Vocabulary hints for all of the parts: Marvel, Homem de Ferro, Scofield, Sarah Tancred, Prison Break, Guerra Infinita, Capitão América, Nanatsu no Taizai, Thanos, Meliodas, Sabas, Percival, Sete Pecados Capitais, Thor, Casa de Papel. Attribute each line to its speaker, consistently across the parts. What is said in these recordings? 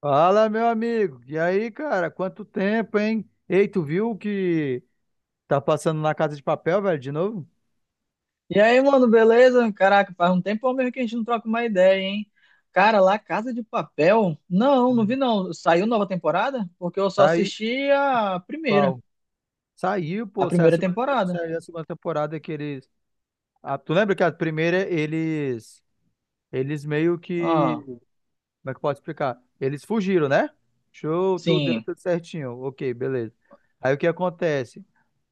Speaker 1: Fala, meu amigo. E aí, cara? Quanto tempo, hein? Ei, tu viu o que tá passando na Casa de Papel, velho, de novo?
Speaker 2: E aí, mano, beleza? Caraca, faz um tempão mesmo que a gente não troca uma ideia, hein? Cara, lá Casa de Papel? Não, não vi
Speaker 1: Hum.
Speaker 2: não. Saiu nova temporada? Porque eu só
Speaker 1: Tá aí,
Speaker 2: assisti
Speaker 1: qual? Saiu,
Speaker 2: a
Speaker 1: pô, saiu a
Speaker 2: primeira
Speaker 1: segunda,
Speaker 2: temporada.
Speaker 1: saiu a segunda temporada que eles... Ah, tu lembra que a primeira eles... Eles meio que...
Speaker 2: Ah,
Speaker 1: Como é que eu posso explicar? Eles fugiram, né? Show, tudo deu
Speaker 2: sim.
Speaker 1: tudo certinho. Ok, beleza. Aí o que acontece?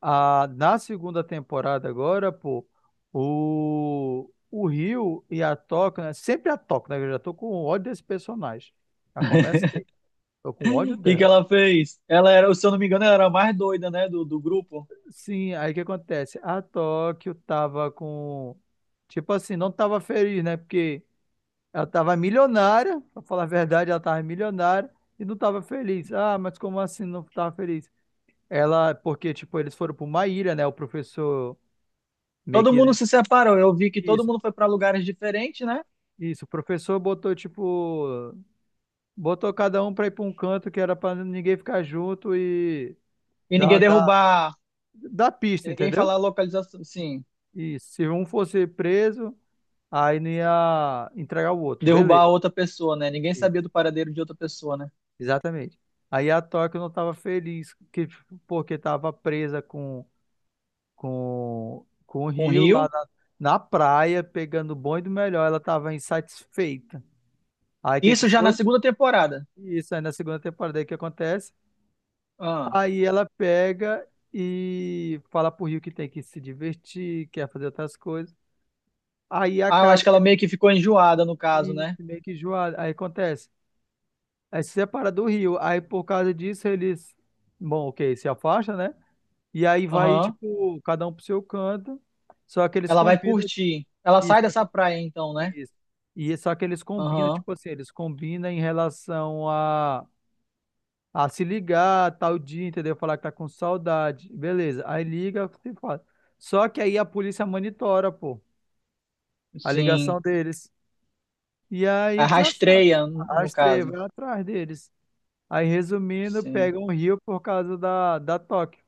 Speaker 1: A, na segunda temporada agora, pô, o Rio e a Toca, né? Sempre a Toca, né? Eu já tô com ódio desse personagem. Já começa aí. Tô com ódio
Speaker 2: O que que
Speaker 1: dela.
Speaker 2: ela fez? Ela era, se eu não me engano, ela era a mais doida, né, do grupo.
Speaker 1: Sim, aí o que acontece? A Tóquio tava com. Tipo assim, não tava feliz, né? Porque ela tava milionária, pra falar a verdade, ela tava milionária e não tava feliz. Ah, mas como assim não tava feliz? Ela, porque, tipo, eles foram pra uma ilha, né? O professor meio
Speaker 2: Todo mundo
Speaker 1: que.
Speaker 2: se separou. Eu vi que todo
Speaker 1: Isso,
Speaker 2: mundo foi pra lugares diferentes, né?
Speaker 1: Isso, o professor botou, tipo, botou cada um pra ir pra um canto que era pra ninguém ficar junto e
Speaker 2: E
Speaker 1: dar,
Speaker 2: ninguém
Speaker 1: dar,
Speaker 2: derrubar,
Speaker 1: dar pista,
Speaker 2: e ninguém
Speaker 1: entendeu?
Speaker 2: falar a localização, sim,
Speaker 1: Isso, se um fosse preso, aí não ia entregar o outro,
Speaker 2: derrubar
Speaker 1: beleza.
Speaker 2: a outra pessoa, né? Ninguém sabia
Speaker 1: Isso,
Speaker 2: do paradeiro de outra pessoa, né?
Speaker 1: exatamente. Aí a Tóquio não tava feliz que, porque tava presa com, com o
Speaker 2: Com o
Speaker 1: Rio
Speaker 2: Rio.
Speaker 1: lá na, na praia, pegando o bom e do melhor, ela tava insatisfeita. Aí o que que
Speaker 2: Isso já na
Speaker 1: foi?
Speaker 2: segunda temporada.
Speaker 1: Isso, aí na segunda temporada, aí o que acontece?
Speaker 2: Ah.
Speaker 1: Aí ela pega e fala pro Rio que tem que se divertir, quer fazer outras coisas. Aí
Speaker 2: Ah, eu
Speaker 1: acaba
Speaker 2: acho que ela
Speaker 1: que
Speaker 2: meio que ficou enjoada no caso,
Speaker 1: ele
Speaker 2: né?
Speaker 1: se meio que enjoado. Aí acontece. Aí se separa do Rio. Aí por causa disso eles, bom, ok, se afasta, né? E aí vai,
Speaker 2: Aham.
Speaker 1: tipo, cada um pro seu canto. Só que eles
Speaker 2: Ela vai
Speaker 1: combinam
Speaker 2: curtir. Ela
Speaker 1: isso.
Speaker 2: sai dessa praia então, né?
Speaker 1: Isso. E só que eles combinam,
Speaker 2: Aham.
Speaker 1: tipo assim, eles combinam em relação a se ligar tal dia, entendeu? Falar que tá com saudade. Beleza. Aí liga e fala. Só que aí a polícia monitora, pô, a
Speaker 2: Sim.
Speaker 1: ligação deles. E
Speaker 2: A
Speaker 1: aí já sabe.
Speaker 2: rastreia, no
Speaker 1: Rastreia,
Speaker 2: caso.
Speaker 1: vai atrás deles. Aí, resumindo,
Speaker 2: Sim.
Speaker 1: pega um rio por causa da, da toque.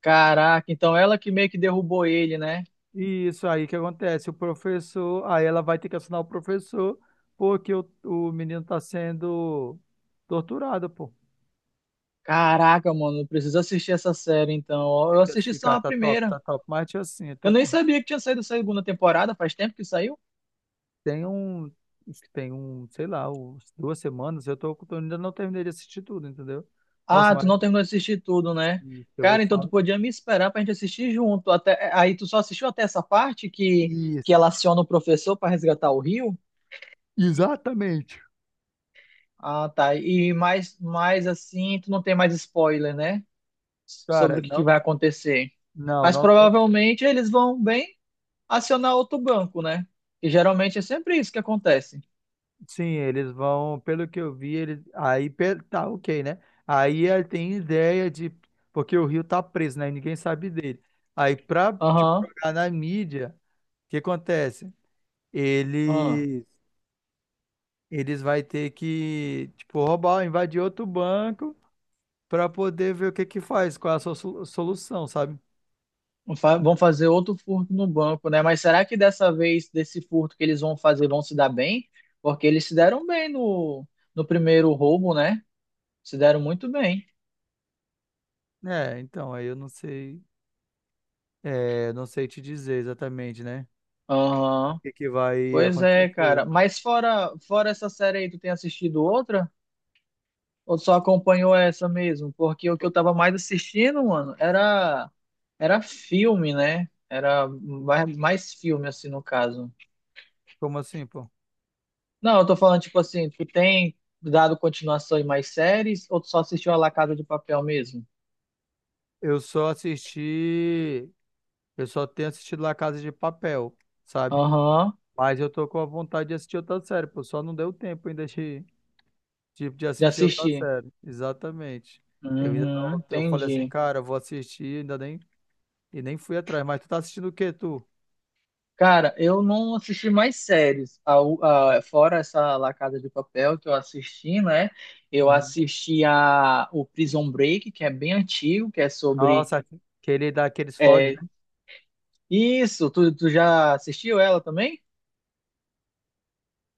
Speaker 2: Caraca, então ela que meio que derrubou ele, né?
Speaker 1: E isso aí que acontece. O professor, aí ela vai ter que assinar o professor, porque o menino tá sendo torturado, pô.
Speaker 2: Caraca, mano, eu preciso assistir essa série então. Eu
Speaker 1: Tem que
Speaker 2: assisti
Speaker 1: assistir,
Speaker 2: só
Speaker 1: cara,
Speaker 2: a
Speaker 1: tá top,
Speaker 2: primeira.
Speaker 1: tá top. Mas, tia, assim, eu
Speaker 2: Eu
Speaker 1: tô
Speaker 2: nem
Speaker 1: com
Speaker 2: sabia que tinha saído a segunda temporada, faz tempo que saiu.
Speaker 1: Tem um, tem um, sei lá, uns duas semanas, eu tô, eu ainda não terminei de assistir tudo, entendeu? Nossa,
Speaker 2: Ah, tu
Speaker 1: mas
Speaker 2: não terminou de assistir tudo, né?
Speaker 1: eu vou
Speaker 2: Cara,
Speaker 1: te
Speaker 2: então tu
Speaker 1: falar.
Speaker 2: podia me esperar pra gente assistir junto. Até, é, aí tu só assistiu até essa parte
Speaker 1: Isso,
Speaker 2: que ela aciona o professor pra resgatar o Rio?
Speaker 1: exatamente.
Speaker 2: Ah, tá. E mais assim, tu não tem mais spoiler, né? Sobre
Speaker 1: Cara,
Speaker 2: o que, que
Speaker 1: não,
Speaker 2: vai acontecer.
Speaker 1: não,
Speaker 2: Mas
Speaker 1: não tem.
Speaker 2: provavelmente eles vão bem acionar outro banco, né? E geralmente é sempre isso que acontece.
Speaker 1: Sim, eles vão, pelo que eu vi, eles, tá ok, né? Aí ele tem ideia de, porque o Rio tá preso, né? Ninguém sabe dele. Aí pra, tipo,
Speaker 2: Aham.
Speaker 1: jogar na mídia, o que acontece?
Speaker 2: Aham.
Speaker 1: Eles, eles vai ter que, tipo, roubar, invadir outro banco para poder ver o que que faz, qual é a sua solução, sabe?
Speaker 2: Vão fazer outro furto no banco, né? Mas será que dessa vez, desse furto que eles vão fazer, vão se dar bem? Porque eles se deram bem no primeiro roubo, né? Se deram muito bem.
Speaker 1: É, então, aí eu não sei, é, não sei te dizer exatamente, né? O
Speaker 2: Aham.
Speaker 1: que que vai
Speaker 2: Pois é,
Speaker 1: acontecer.
Speaker 2: cara. Mas fora essa série aí, tu tem assistido outra? Ou só acompanhou essa mesmo? Porque o que eu
Speaker 1: Co-
Speaker 2: tava mais assistindo, mano, era, era filme, né? Era mais filme, assim, no caso.
Speaker 1: Como assim, pô?
Speaker 2: Não, eu tô falando, tipo assim, tu tem dado continuação em mais séries ou tu só assistiu a La Casa de Papel mesmo?
Speaker 1: Eu só assisti, eu só tenho assistido La Casa de Papel, sabe?
Speaker 2: Aham,
Speaker 1: Mas eu tô com a vontade de assistir outra série, pô, só não deu tempo ainda de,
Speaker 2: já
Speaker 1: assistir outra
Speaker 2: assisti.
Speaker 1: série. Exatamente. Eu ainda
Speaker 2: Uhum,
Speaker 1: não, eu falei assim,
Speaker 2: entendi.
Speaker 1: cara, eu vou assistir, ainda nem, e nem fui atrás. Mas tu tá assistindo o quê, tu?
Speaker 2: Cara, eu não assisti mais séries. Fora essa La Casa de Papel que eu assisti, né? Eu
Speaker 1: Uhum.
Speaker 2: assisti a, o Prison Break, que é bem antigo, que é sobre.
Speaker 1: Nossa, que ele dá aqueles foge, né?
Speaker 2: É, isso, tu já assistiu ela também?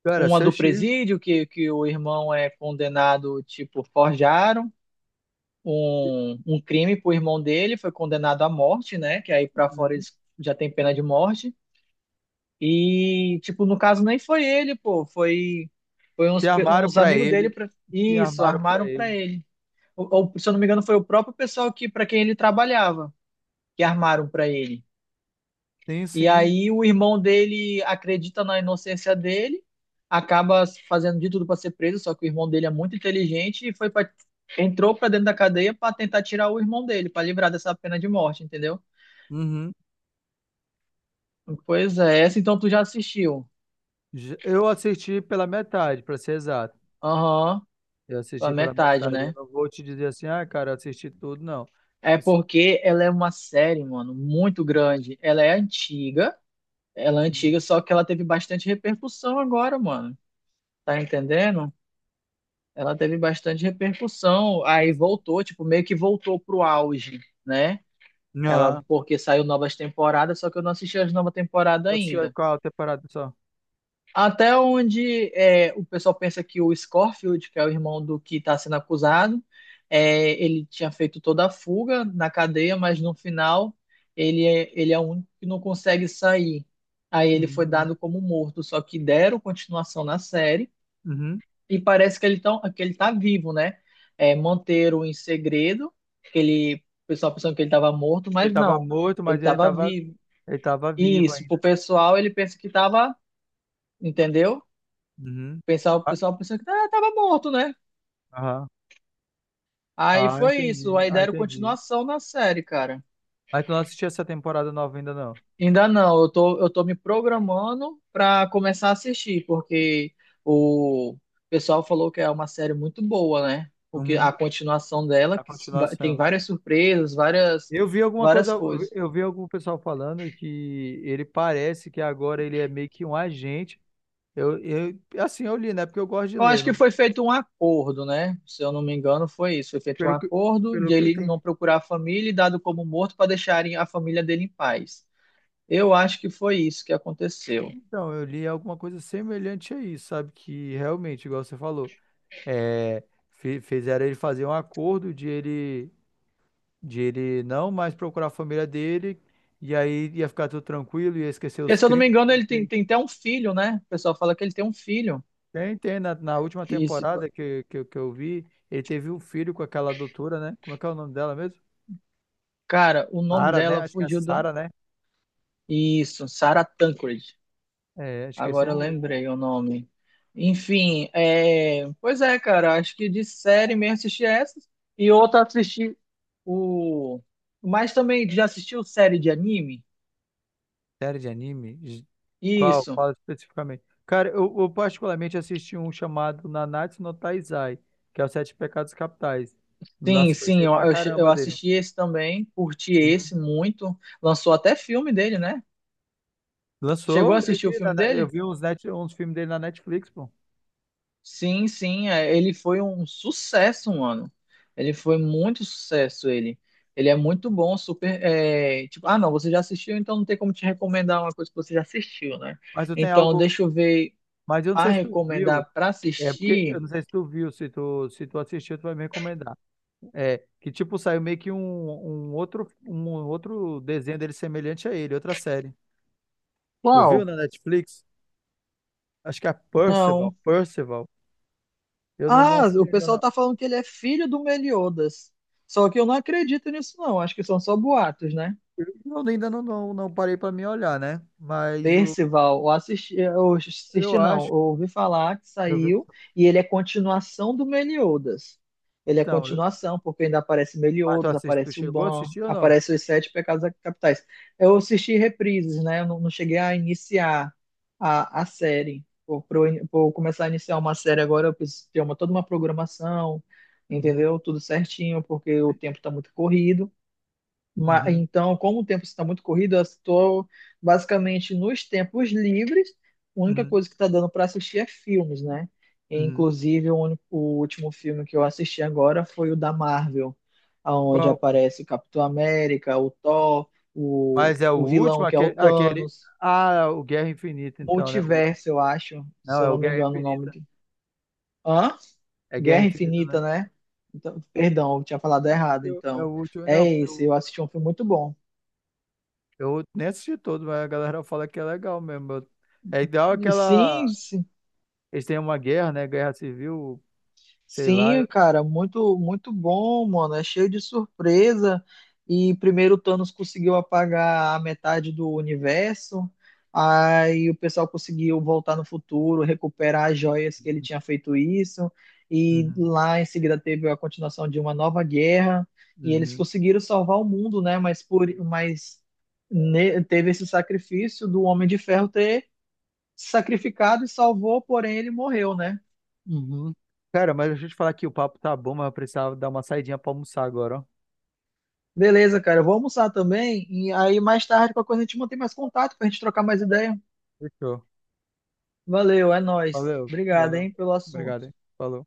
Speaker 1: Cara,
Speaker 2: Uma
Speaker 1: seu
Speaker 2: do
Speaker 1: Chico.
Speaker 2: presídio, que o irmão é condenado, tipo, forjaram. Um crime pro irmão dele, foi condenado à morte, né? Que aí pra fora
Speaker 1: Uhum.
Speaker 2: eles já tem pena de morte. E, tipo, no caso nem foi ele, pô, foi, foi
Speaker 1: Se
Speaker 2: uns,
Speaker 1: armaram
Speaker 2: uns
Speaker 1: pra
Speaker 2: amigos dele,
Speaker 1: ele.
Speaker 2: pra,
Speaker 1: Se
Speaker 2: isso,
Speaker 1: armaram pra
Speaker 2: armaram pra
Speaker 1: ele.
Speaker 2: ele. Se eu não me engano, foi o próprio pessoal que, pra quem ele trabalhava, que armaram pra ele.
Speaker 1: Sim,
Speaker 2: E
Speaker 1: sim.
Speaker 2: aí o irmão dele acredita na inocência dele, acaba fazendo de tudo para ser preso, só que o irmão dele é muito inteligente e foi pra, entrou para dentro da cadeia para tentar tirar o irmão dele, para livrar dessa pena de morte, entendeu?
Speaker 1: Uhum.
Speaker 2: Pois é, essa então tu já assistiu.
Speaker 1: Eu assisti pela metade, pra ser exato.
Speaker 2: Aham,
Speaker 1: Eu
Speaker 2: a
Speaker 1: assisti pela
Speaker 2: metade,
Speaker 1: metade. Eu
Speaker 2: né?
Speaker 1: não vou te dizer assim, ah, cara, eu assisti tudo, não.
Speaker 2: É
Speaker 1: Assim,
Speaker 2: porque ela é uma série, mano, muito grande. Ela é
Speaker 1: hum,
Speaker 2: antiga, só que ela teve bastante repercussão agora, mano. Tá entendendo? Ela teve bastante repercussão, aí
Speaker 1: isso.
Speaker 2: voltou, tipo, meio que voltou pro auge, né? Ela,
Speaker 1: Não.
Speaker 2: porque saiu novas temporadas, só que eu não assisti as novas temporadas
Speaker 1: Eu assisti
Speaker 2: ainda.
Speaker 1: qual temporada só?
Speaker 2: Até onde é, o pessoal pensa que o Scorfield, que é o irmão do que está sendo acusado, é, ele tinha feito toda a fuga na cadeia, mas no final ele é o único que não consegue sair. Aí ele foi
Speaker 1: Uhum.
Speaker 2: dado como morto, só que deram continuação na série
Speaker 1: Uhum.
Speaker 2: e parece que ele, tão, que ele tá vivo, né? É, manteram em segredo, que ele, o pessoal pensando que ele estava morto,
Speaker 1: Ele
Speaker 2: mas
Speaker 1: tava
Speaker 2: não,
Speaker 1: morto,
Speaker 2: ele
Speaker 1: mas
Speaker 2: estava vivo.
Speaker 1: ele tava
Speaker 2: E
Speaker 1: vivo
Speaker 2: isso,
Speaker 1: ainda.
Speaker 2: pro pessoal, ele pensa que estava, entendeu?
Speaker 1: Uhum.
Speaker 2: Pensava, o
Speaker 1: Ah,
Speaker 2: pessoal pensando que estava morto, né?
Speaker 1: aham.
Speaker 2: Aí
Speaker 1: Ah,
Speaker 2: foi isso,
Speaker 1: entendi.
Speaker 2: aí
Speaker 1: Ah,
Speaker 2: deram
Speaker 1: entendi.
Speaker 2: continuação na série, cara.
Speaker 1: Mas tu não assistiu essa temporada nova ainda, não?
Speaker 2: Ainda não, eu tô me programando para começar a assistir, porque o pessoal falou que é uma série muito boa, né? Porque
Speaker 1: Uhum.
Speaker 2: a continuação dela
Speaker 1: A
Speaker 2: tem
Speaker 1: continuação.
Speaker 2: várias surpresas, várias,
Speaker 1: Eu vi alguma coisa,
Speaker 2: várias
Speaker 1: eu vi
Speaker 2: coisas.
Speaker 1: eu vi algum pessoal falando que ele parece que agora ele é meio que um agente. Eu, assim, eu li, né? Porque eu gosto de
Speaker 2: Eu acho
Speaker 1: ler.
Speaker 2: que
Speaker 1: Não,
Speaker 2: foi feito um acordo, né? Se eu não me engano, foi isso. Foi feito um
Speaker 1: pelo que,
Speaker 2: acordo
Speaker 1: pelo
Speaker 2: de
Speaker 1: que eu
Speaker 2: ele não
Speaker 1: entendi.
Speaker 2: procurar a família e dado como morto para deixarem a família dele em paz. Eu acho que foi isso que aconteceu.
Speaker 1: Então, eu li alguma coisa semelhante a isso, sabe? Que realmente, igual você falou, é, fizeram ele fazer um acordo de ele não mais procurar a família dele, e aí ia ficar tudo tranquilo, ia esquecer
Speaker 2: Porque,
Speaker 1: os
Speaker 2: se eu não me
Speaker 1: crimes.
Speaker 2: engano, tem até um filho, né? O pessoal fala que ele tem um filho.
Speaker 1: Tem, tem. Na, na última temporada que, eu vi, ele teve um filho com aquela doutora, né? Como é que é o nome dela mesmo?
Speaker 2: Cara, o nome
Speaker 1: Sara, né?
Speaker 2: dela
Speaker 1: Acho que é
Speaker 2: fugiu do.
Speaker 1: Sara, né?
Speaker 2: Isso, Sarah Tancred.
Speaker 1: É, acho que é isso aí
Speaker 2: Agora eu
Speaker 1: mesmo.
Speaker 2: lembrei o nome. Enfim, é... pois é, cara. Acho que de série mesmo assisti essa. E outra assisti o. Mas também já assistiu série de anime?
Speaker 1: Série de anime? Qual?
Speaker 2: Isso.
Speaker 1: Qual especificamente? Cara, eu particularmente assisti um chamado Nanatsu no Taizai, que é os Sete Pecados Capitais.
Speaker 2: Sim,
Speaker 1: Nossa, eu
Speaker 2: sim,
Speaker 1: gostei pra
Speaker 2: eu
Speaker 1: caramba dele.
Speaker 2: assisti esse também. Curti
Speaker 1: Uhum.
Speaker 2: esse muito. Lançou até filme dele, né? Chegou a
Speaker 1: Lançou, eu
Speaker 2: assistir o
Speaker 1: vi,
Speaker 2: filme
Speaker 1: eu
Speaker 2: dele?
Speaker 1: vi uns, net, uns filmes dele na Netflix, pô.
Speaker 2: Sim, sim, é, ele foi um sucesso, mano. Ele foi muito sucesso, ele. Ele é muito bom, super. É, tipo, ah, não, você já assistiu, então não tem como te recomendar uma coisa que você já assistiu, né?
Speaker 1: Mas eu tenho
Speaker 2: Então,
Speaker 1: algo.
Speaker 2: deixa eu ver
Speaker 1: Mas eu não
Speaker 2: para
Speaker 1: sei se tu viu.
Speaker 2: recomendar para
Speaker 1: É porque eu
Speaker 2: assistir.
Speaker 1: não sei se tu viu, se tu assistiu, tu vai me recomendar. É que tipo saiu meio que um, um outro desenho dele semelhante a ele, outra série. Tu viu
Speaker 2: Qual?
Speaker 1: na Netflix? Acho que é Percival,
Speaker 2: Não.
Speaker 1: Percival. Eu não, não
Speaker 2: Ah,
Speaker 1: assisti
Speaker 2: o
Speaker 1: ainda
Speaker 2: pessoal
Speaker 1: não.
Speaker 2: tá falando que ele é filho do Meliodas. Só que eu não acredito nisso, não. Acho que são só boatos, né?
Speaker 1: Eu ainda não, não parei pra me olhar, né? Mas o,
Speaker 2: Percival, eu
Speaker 1: eu
Speaker 2: assisti não, eu
Speaker 1: acho,
Speaker 2: ouvi falar que
Speaker 1: eu vi,
Speaker 2: saiu e ele é continuação do Meliodas. Ele é
Speaker 1: então,
Speaker 2: continuação, porque ainda aparece
Speaker 1: mas tu
Speaker 2: Meliodas,
Speaker 1: assisti, tu
Speaker 2: aparece o
Speaker 1: chegou a
Speaker 2: Ban,
Speaker 1: assistir ou não?
Speaker 2: aparece os Sete Pecados Capitais. Eu assisti reprises, né? Eu não, Não cheguei a iniciar a série. Por começar a iniciar uma série agora, eu preciso ter uma, toda uma programação,
Speaker 1: Uhum,
Speaker 2: entendeu? Tudo certinho, porque o tempo está muito corrido.
Speaker 1: uhum,
Speaker 2: Então, como o tempo está muito corrido, eu estou basicamente nos tempos livres. A única
Speaker 1: uhum,
Speaker 2: coisa que está dando para assistir é filmes, né? E,
Speaker 1: uhum.
Speaker 2: inclusive, o último filme que eu assisti agora foi o da Marvel, onde
Speaker 1: Qual?
Speaker 2: aparece o Capitão América, o Thor,
Speaker 1: Mas é o
Speaker 2: o
Speaker 1: último,
Speaker 2: vilão que é o
Speaker 1: aquele,
Speaker 2: Thanos,
Speaker 1: ah, o Guerra Infinita, então, né?
Speaker 2: Multiverso, eu acho,
Speaker 1: Não,
Speaker 2: se eu
Speaker 1: é
Speaker 2: não
Speaker 1: o
Speaker 2: me
Speaker 1: Guerra
Speaker 2: engano o nome.
Speaker 1: Infinita.
Speaker 2: De... Hã?
Speaker 1: É Guerra
Speaker 2: Guerra
Speaker 1: Infinita, né?
Speaker 2: Infinita, né? Então, perdão, eu tinha falado errado,
Speaker 1: É o
Speaker 2: então.
Speaker 1: último,
Speaker 2: É
Speaker 1: não, porque
Speaker 2: esse, eu assisti um filme muito bom.
Speaker 1: eu nem assisti todo, mas a galera fala que é legal mesmo. É igual
Speaker 2: E sim,
Speaker 1: aquela. Eles têm uma guerra, né? Guerra civil, sei lá.
Speaker 2: sim, cara, muito bom, mano. É cheio de surpresa. E primeiro o Thanos conseguiu apagar a metade do universo. Aí o pessoal conseguiu voltar no futuro, recuperar as joias que ele tinha feito isso. E
Speaker 1: Uhum,
Speaker 2: lá em seguida teve a continuação de uma nova guerra. E eles
Speaker 1: uhum,
Speaker 2: conseguiram salvar o mundo, né? Teve esse sacrifício do Homem de Ferro ter se sacrificado e salvou, porém ele morreu, né?
Speaker 1: uhum. Cara, mas deixa eu te falar que o papo tá bom, mas eu precisava dar uma saidinha pra almoçar agora, ó.
Speaker 2: Beleza, cara. Eu vou almoçar também. E aí, mais tarde, qualquer coisa, a gente mantém mais contato pra gente trocar mais ideia.
Speaker 1: Fechou.
Speaker 2: Valeu, é nóis.
Speaker 1: Valeu,
Speaker 2: Obrigado,
Speaker 1: valeu.
Speaker 2: hein, pelo assunto.
Speaker 1: Obrigado, hein? Falou.